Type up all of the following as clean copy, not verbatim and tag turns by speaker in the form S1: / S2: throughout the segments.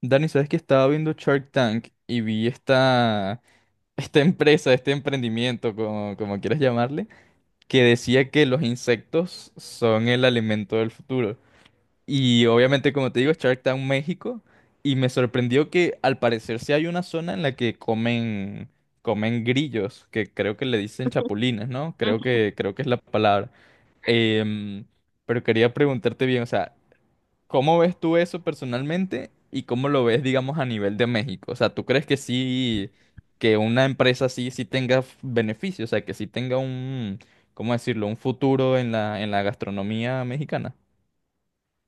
S1: Dani, ¿sabes que estaba viendo Shark Tank y vi esta empresa, este emprendimiento, como quieras llamarle, que decía que los insectos son el alimento del futuro? Y obviamente, como te digo, Shark Tank México, y me sorprendió que al parecer sí hay una zona en la que comen grillos, que creo que le dicen chapulines, ¿no? Creo que es la palabra. Em, pero quería preguntarte bien, o sea, ¿cómo ves tú eso personalmente y cómo lo ves, digamos, a nivel de México? O sea, ¿tú crees que sí, que una empresa así sí tenga beneficios? O sea, que sí tenga un, ¿cómo decirlo? Un futuro en en la gastronomía mexicana.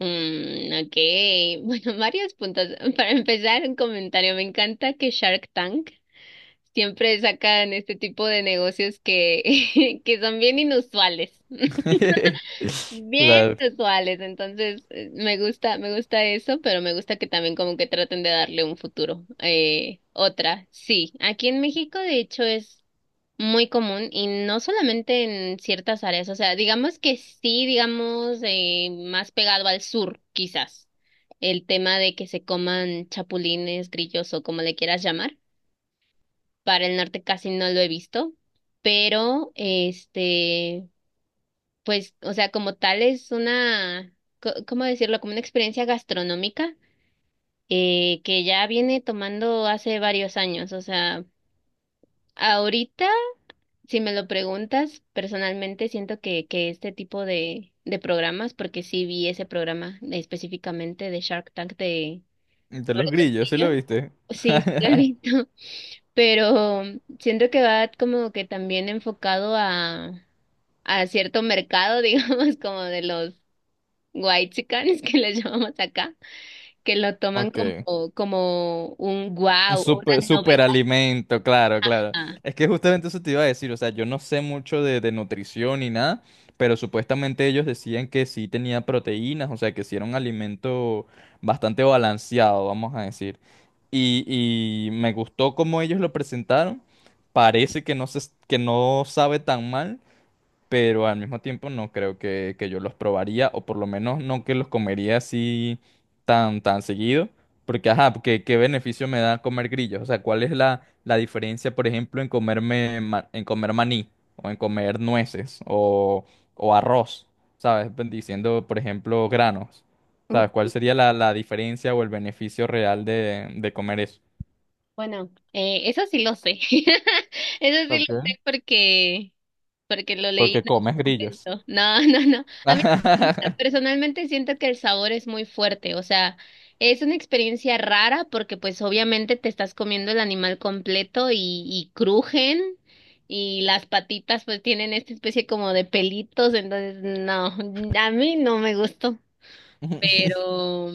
S2: Ok, bueno, varios puntos. Para empezar, un comentario. Me encanta que Shark Tank siempre sacan este tipo de negocios que, que son bien inusuales, bien
S1: Claro.
S2: inusuales. Entonces, me gusta eso, pero me gusta que también como que traten de darle un futuro. Otra, sí, aquí en México de hecho es muy común y no solamente en ciertas áreas, o sea, digamos que sí, digamos, más pegado al sur, quizás, el tema de que se coman chapulines, grillos o como le quieras llamar. Para el norte casi no lo he visto, pero este, pues, o sea, como tal es una, ¿cómo decirlo? Como una experiencia gastronómica que ya viene tomando hace varios años, o sea, ahorita. Si me lo preguntas, personalmente siento que este tipo de programas, porque sí vi ese programa específicamente de Shark Tank, de
S1: De
S2: sobre
S1: los
S2: los
S1: grillos, ¿sí lo
S2: brillos,
S1: viste?
S2: sí, sí lo he visto, pero siento que va como que también enfocado a cierto mercado, digamos, como de los whitexicanes que les llamamos acá, que lo toman
S1: Ok.
S2: como, como un
S1: Un
S2: wow,
S1: super,
S2: una
S1: super
S2: novedad.
S1: alimento, claro, claro. Es que justamente eso te iba a decir, o sea, yo no sé mucho de nutrición ni nada, pero supuestamente ellos decían que sí tenía proteínas, o sea, que sí era un alimento bastante balanceado, vamos a decir. Y, y me gustó cómo ellos lo presentaron. Parece que no que no sabe tan mal, pero al mismo tiempo no creo que yo los probaría, o por lo menos no que los comería así tan seguido, porque ajá, porque qué beneficio me da comer grillos, o sea, ¿cuál es la diferencia, por ejemplo, en comerme, en comer maní, o en comer nueces, o arroz? ¿Sabes? Pues, diciendo, por ejemplo, granos, ¿sabes? ¿Cuál sería la diferencia o el beneficio real de comer eso?
S2: Bueno, eso sí lo sé. Eso sí lo
S1: Ok.
S2: sé porque lo leí
S1: Porque
S2: en
S1: comes
S2: algún
S1: grillos.
S2: momento. No, no, no. A mí me gusta. Personalmente siento que el sabor es muy fuerte. O sea, es una experiencia rara porque pues obviamente te estás comiendo el animal completo y crujen y las patitas pues tienen esta especie como de pelitos. Entonces, no, a mí no me gustó. Pero,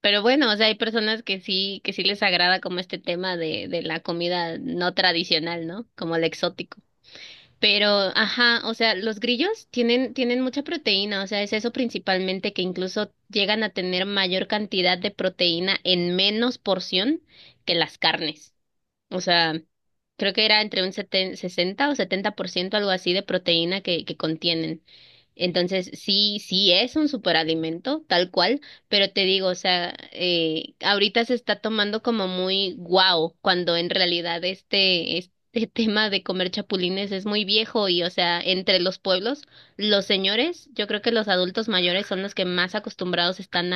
S2: pero bueno, o sea, hay personas que sí les agrada como este tema de la comida no tradicional, ¿no? Como el exótico. Pero, ajá, o sea, los grillos tienen, tienen mucha proteína, o sea, es eso principalmente, que incluso llegan a tener mayor cantidad de proteína en menos porción que las carnes. O sea, creo que era entre un 60 o 70%, algo así, de proteína que contienen. Entonces, sí, sí es un superalimento, tal cual, pero te digo, o sea, ahorita se está tomando como muy guau, cuando en realidad este, este tema de comer chapulines es muy viejo y, o sea, entre los pueblos, los señores, yo creo que los adultos mayores son los que más acostumbrados están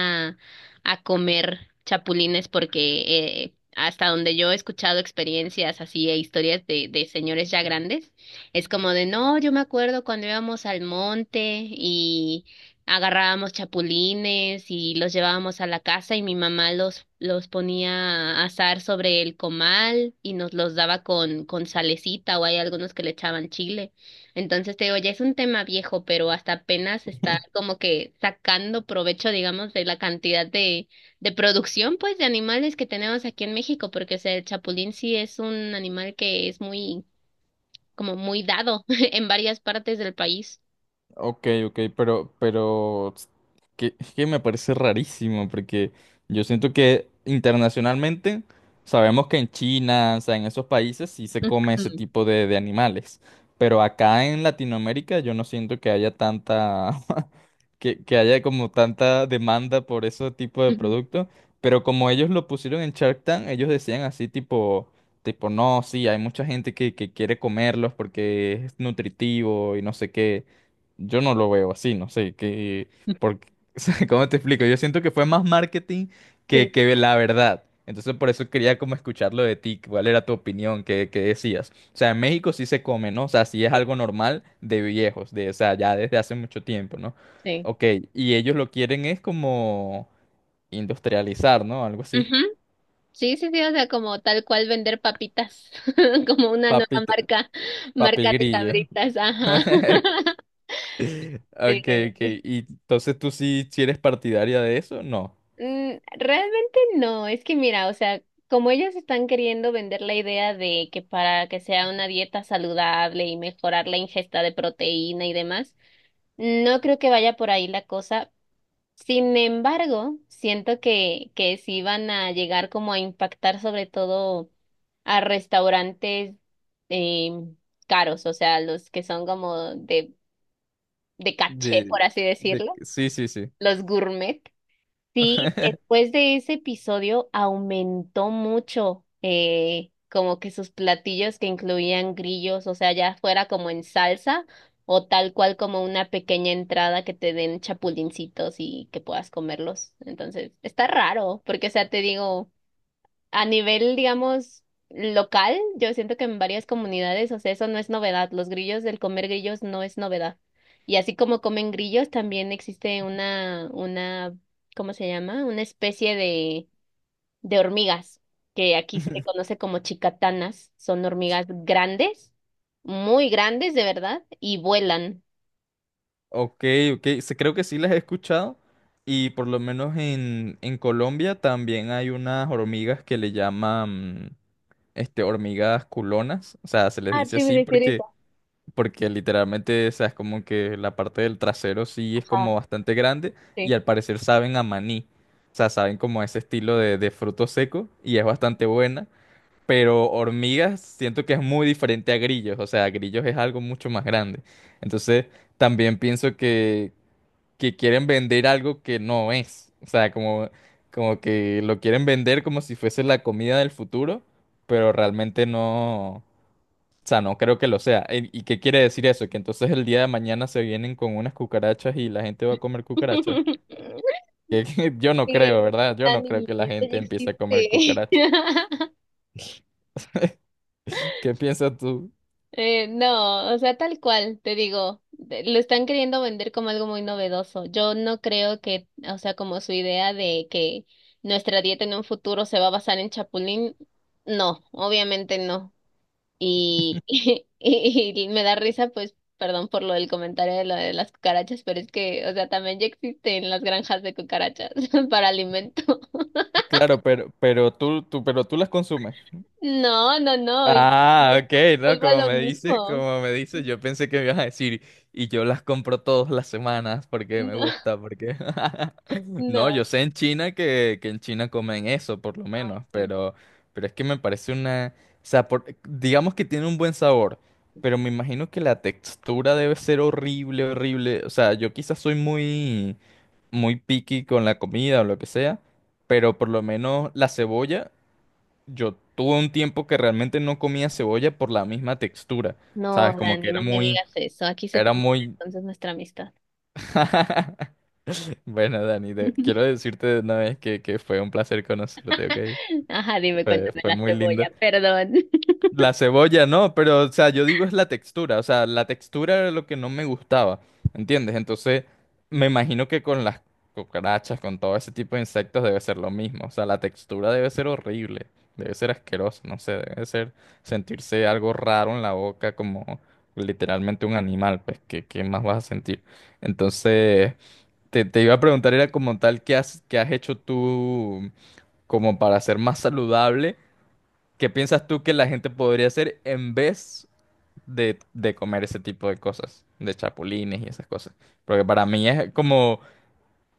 S2: a comer chapulines porque hasta donde yo he escuchado experiencias así e historias de señores ya grandes, es como de, no, yo me acuerdo cuando íbamos al monte y agarrábamos chapulines y los llevábamos a la casa y mi mamá los ponía a asar sobre el comal y nos los daba con salecita, o hay algunos que le echaban chile. Entonces te digo, ya es un tema viejo, pero hasta apenas está como que sacando provecho, digamos, de la cantidad de producción, pues, de animales que tenemos aquí en México, porque, o sea, el chapulín sí es un animal que es muy, como muy dado en varias partes del país.
S1: Ok, ok, pero es es que me parece rarísimo, porque yo siento que internacionalmente sabemos que en China, o sea, en esos países sí se come ese
S2: Ujú.
S1: tipo de animales, pero acá en Latinoamérica yo no siento que haya tanta, que haya como tanta demanda por ese tipo de
S2: Ujú.
S1: producto, pero como ellos lo pusieron en Shark Tank, ellos decían así tipo, no, sí, hay mucha gente que quiere comerlos porque es nutritivo y no sé qué. Yo no lo veo así, no sé, porque, o sea, ¿cómo te explico? Yo siento que fue más marketing
S2: Sí,
S1: que la verdad. Entonces por eso quería como escucharlo de ti, cuál era tu opinión, qué decías. O sea, en México sí se come, ¿no? O sea, sí es
S2: sí,
S1: algo normal de viejos, de, o sea, ya desde hace mucho tiempo, ¿no?
S2: sí.
S1: Ok, y ellos lo quieren es como industrializar, ¿no? Algo así.
S2: Ujú. Sí, sí, sí, o sea, como tal cual vender papitas, como una nueva
S1: Papito,
S2: marca,
S1: papi
S2: marca de
S1: grillo.
S2: Sabritas, ajá.
S1: Ok, ok.
S2: Sí.
S1: ¿Y entonces tú sí, sí eres partidaria de eso? No.
S2: Mm, realmente no, es que mira, o sea, como ellos están queriendo vender la idea de que para que sea una dieta saludable y mejorar la ingesta de proteína y demás, no creo que vaya por ahí la cosa. Sin embargo, siento que sí van a llegar como a impactar sobre todo a restaurantes em, caros, o sea, los que son como de caché,
S1: De,
S2: por así
S1: de,
S2: decirlo,
S1: sí, sí, sí.
S2: los gourmet. Sí, después de ese episodio aumentó mucho como que sus platillos que incluían grillos, o sea, ya fuera como en salsa o tal cual como una pequeña entrada que te den chapulincitos y que puedas comerlos. Entonces, está raro, porque o sea, te digo... A nivel, digamos, local, yo siento que en varias comunidades, o sea, eso no es novedad. Los grillos, el comer grillos no es novedad. Y así como comen grillos, también existe una, ¿cómo se llama? Una especie de hormigas, que aquí se le conoce como chicatanas. Son hormigas grandes, muy grandes, de verdad, y vuelan.
S1: Ok, ok, creo que sí las he escuchado y por lo menos en Colombia también hay unas hormigas que le llaman este, hormigas culonas, o sea, se les
S2: Ah,
S1: dice
S2: sí, me
S1: así
S2: refieres a-
S1: porque literalmente, o sea, es como que la parte del trasero sí es
S2: Ajá,
S1: como bastante grande y
S2: sí.
S1: al parecer saben a maní, o sea, saben como ese estilo de fruto seco y es bastante buena. Pero hormigas siento que es muy diferente a grillos, o sea, grillos es algo mucho más grande. Entonces, también pienso que quieren vender algo que no es, o sea, como, como que lo quieren vender como si fuese la comida del futuro, pero realmente no, o sea, no creo que lo sea. ¿Y qué quiere decir eso? Que entonces el día de mañana se vienen con unas cucarachas y la gente va a comer cucarachas. Que yo no creo,
S2: Sí,
S1: ¿verdad? Yo no creo
S2: Dani,
S1: que la
S2: esto ya
S1: gente empiece a comer
S2: existe.
S1: cucarachas. ¿Qué piensas tú?
S2: No, o sea, tal cual, te digo, lo están queriendo vender como algo muy novedoso. Yo no creo que, o sea, como su idea de que nuestra dieta en un futuro se va a basar en chapulín, no, obviamente no. Y, y me da risa, pues, perdón por lo del comentario de lo de las cucarachas, pero es que, o sea, también ya existen las granjas de cucarachas para alimento.
S1: Claro, pero pero tú las consumes.
S2: No, no, no, y
S1: Ah, ok, no,
S2: vuelvo a
S1: como
S2: lo
S1: me
S2: mismo.
S1: como me dices, yo pensé que me ibas a decir, y yo las compro todas las semanas porque me
S2: No,
S1: gusta, porque... No, yo
S2: no,
S1: sé en China que en China comen eso, por lo
S2: no.
S1: menos,
S2: Sí.
S1: pero es que me parece una... O sea, por- digamos que tiene un buen sabor, pero me imagino que la textura debe ser horrible, horrible. O sea, yo quizás soy muy picky con la comida o lo que sea, pero por lo menos la cebolla. Yo tuve un tiempo que realmente no comía cebolla por la misma textura,
S2: No,
S1: ¿sabes? Como que
S2: Dani,
S1: era
S2: no me digas eso. Aquí se
S1: era
S2: termina
S1: muy...
S2: entonces nuestra amistad.
S1: Bueno, Dani, quiero decirte de una vez que fue un placer conocerte, ¿ok?
S2: Ajá, dime, cuéntame
S1: Fue
S2: la
S1: muy lindo.
S2: cebolla, perdón.
S1: La cebolla no, pero o sea, yo digo es la textura, o sea, la textura era lo que no me gustaba, ¿entiendes? Entonces, me imagino que con las cucarachas, con todo ese tipo de insectos debe ser lo mismo, o sea, la textura debe ser horrible, debe ser asqueroso, no sé, debe ser sentirse algo raro en la boca como literalmente un animal, pues, qué más vas a sentir? Entonces, te iba a preguntar, era como tal, qué has hecho tú como para ser más saludable? ¿Qué piensas tú que la gente podría hacer en vez de comer ese tipo de cosas, de chapulines y esas cosas? Porque para mí es como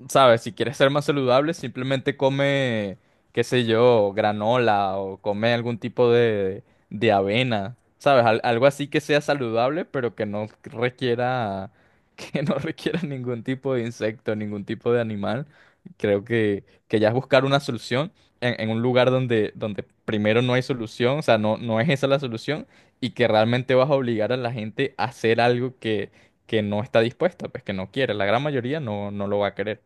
S1: ¿sabes? Si quieres ser más saludable, simplemente come, qué sé yo, granola o come algún tipo de avena, ¿sabes? Algo así que sea saludable, pero que no requiera, que no requiera ningún tipo de insecto, ningún tipo de animal. Creo que ya es buscar una solución en un lugar donde, donde primero no hay solución, o sea, no, no es esa la solución, y que realmente vas a obligar a la gente a hacer algo que no está dispuesta, pues que no quiere. La gran mayoría no, no lo va a querer.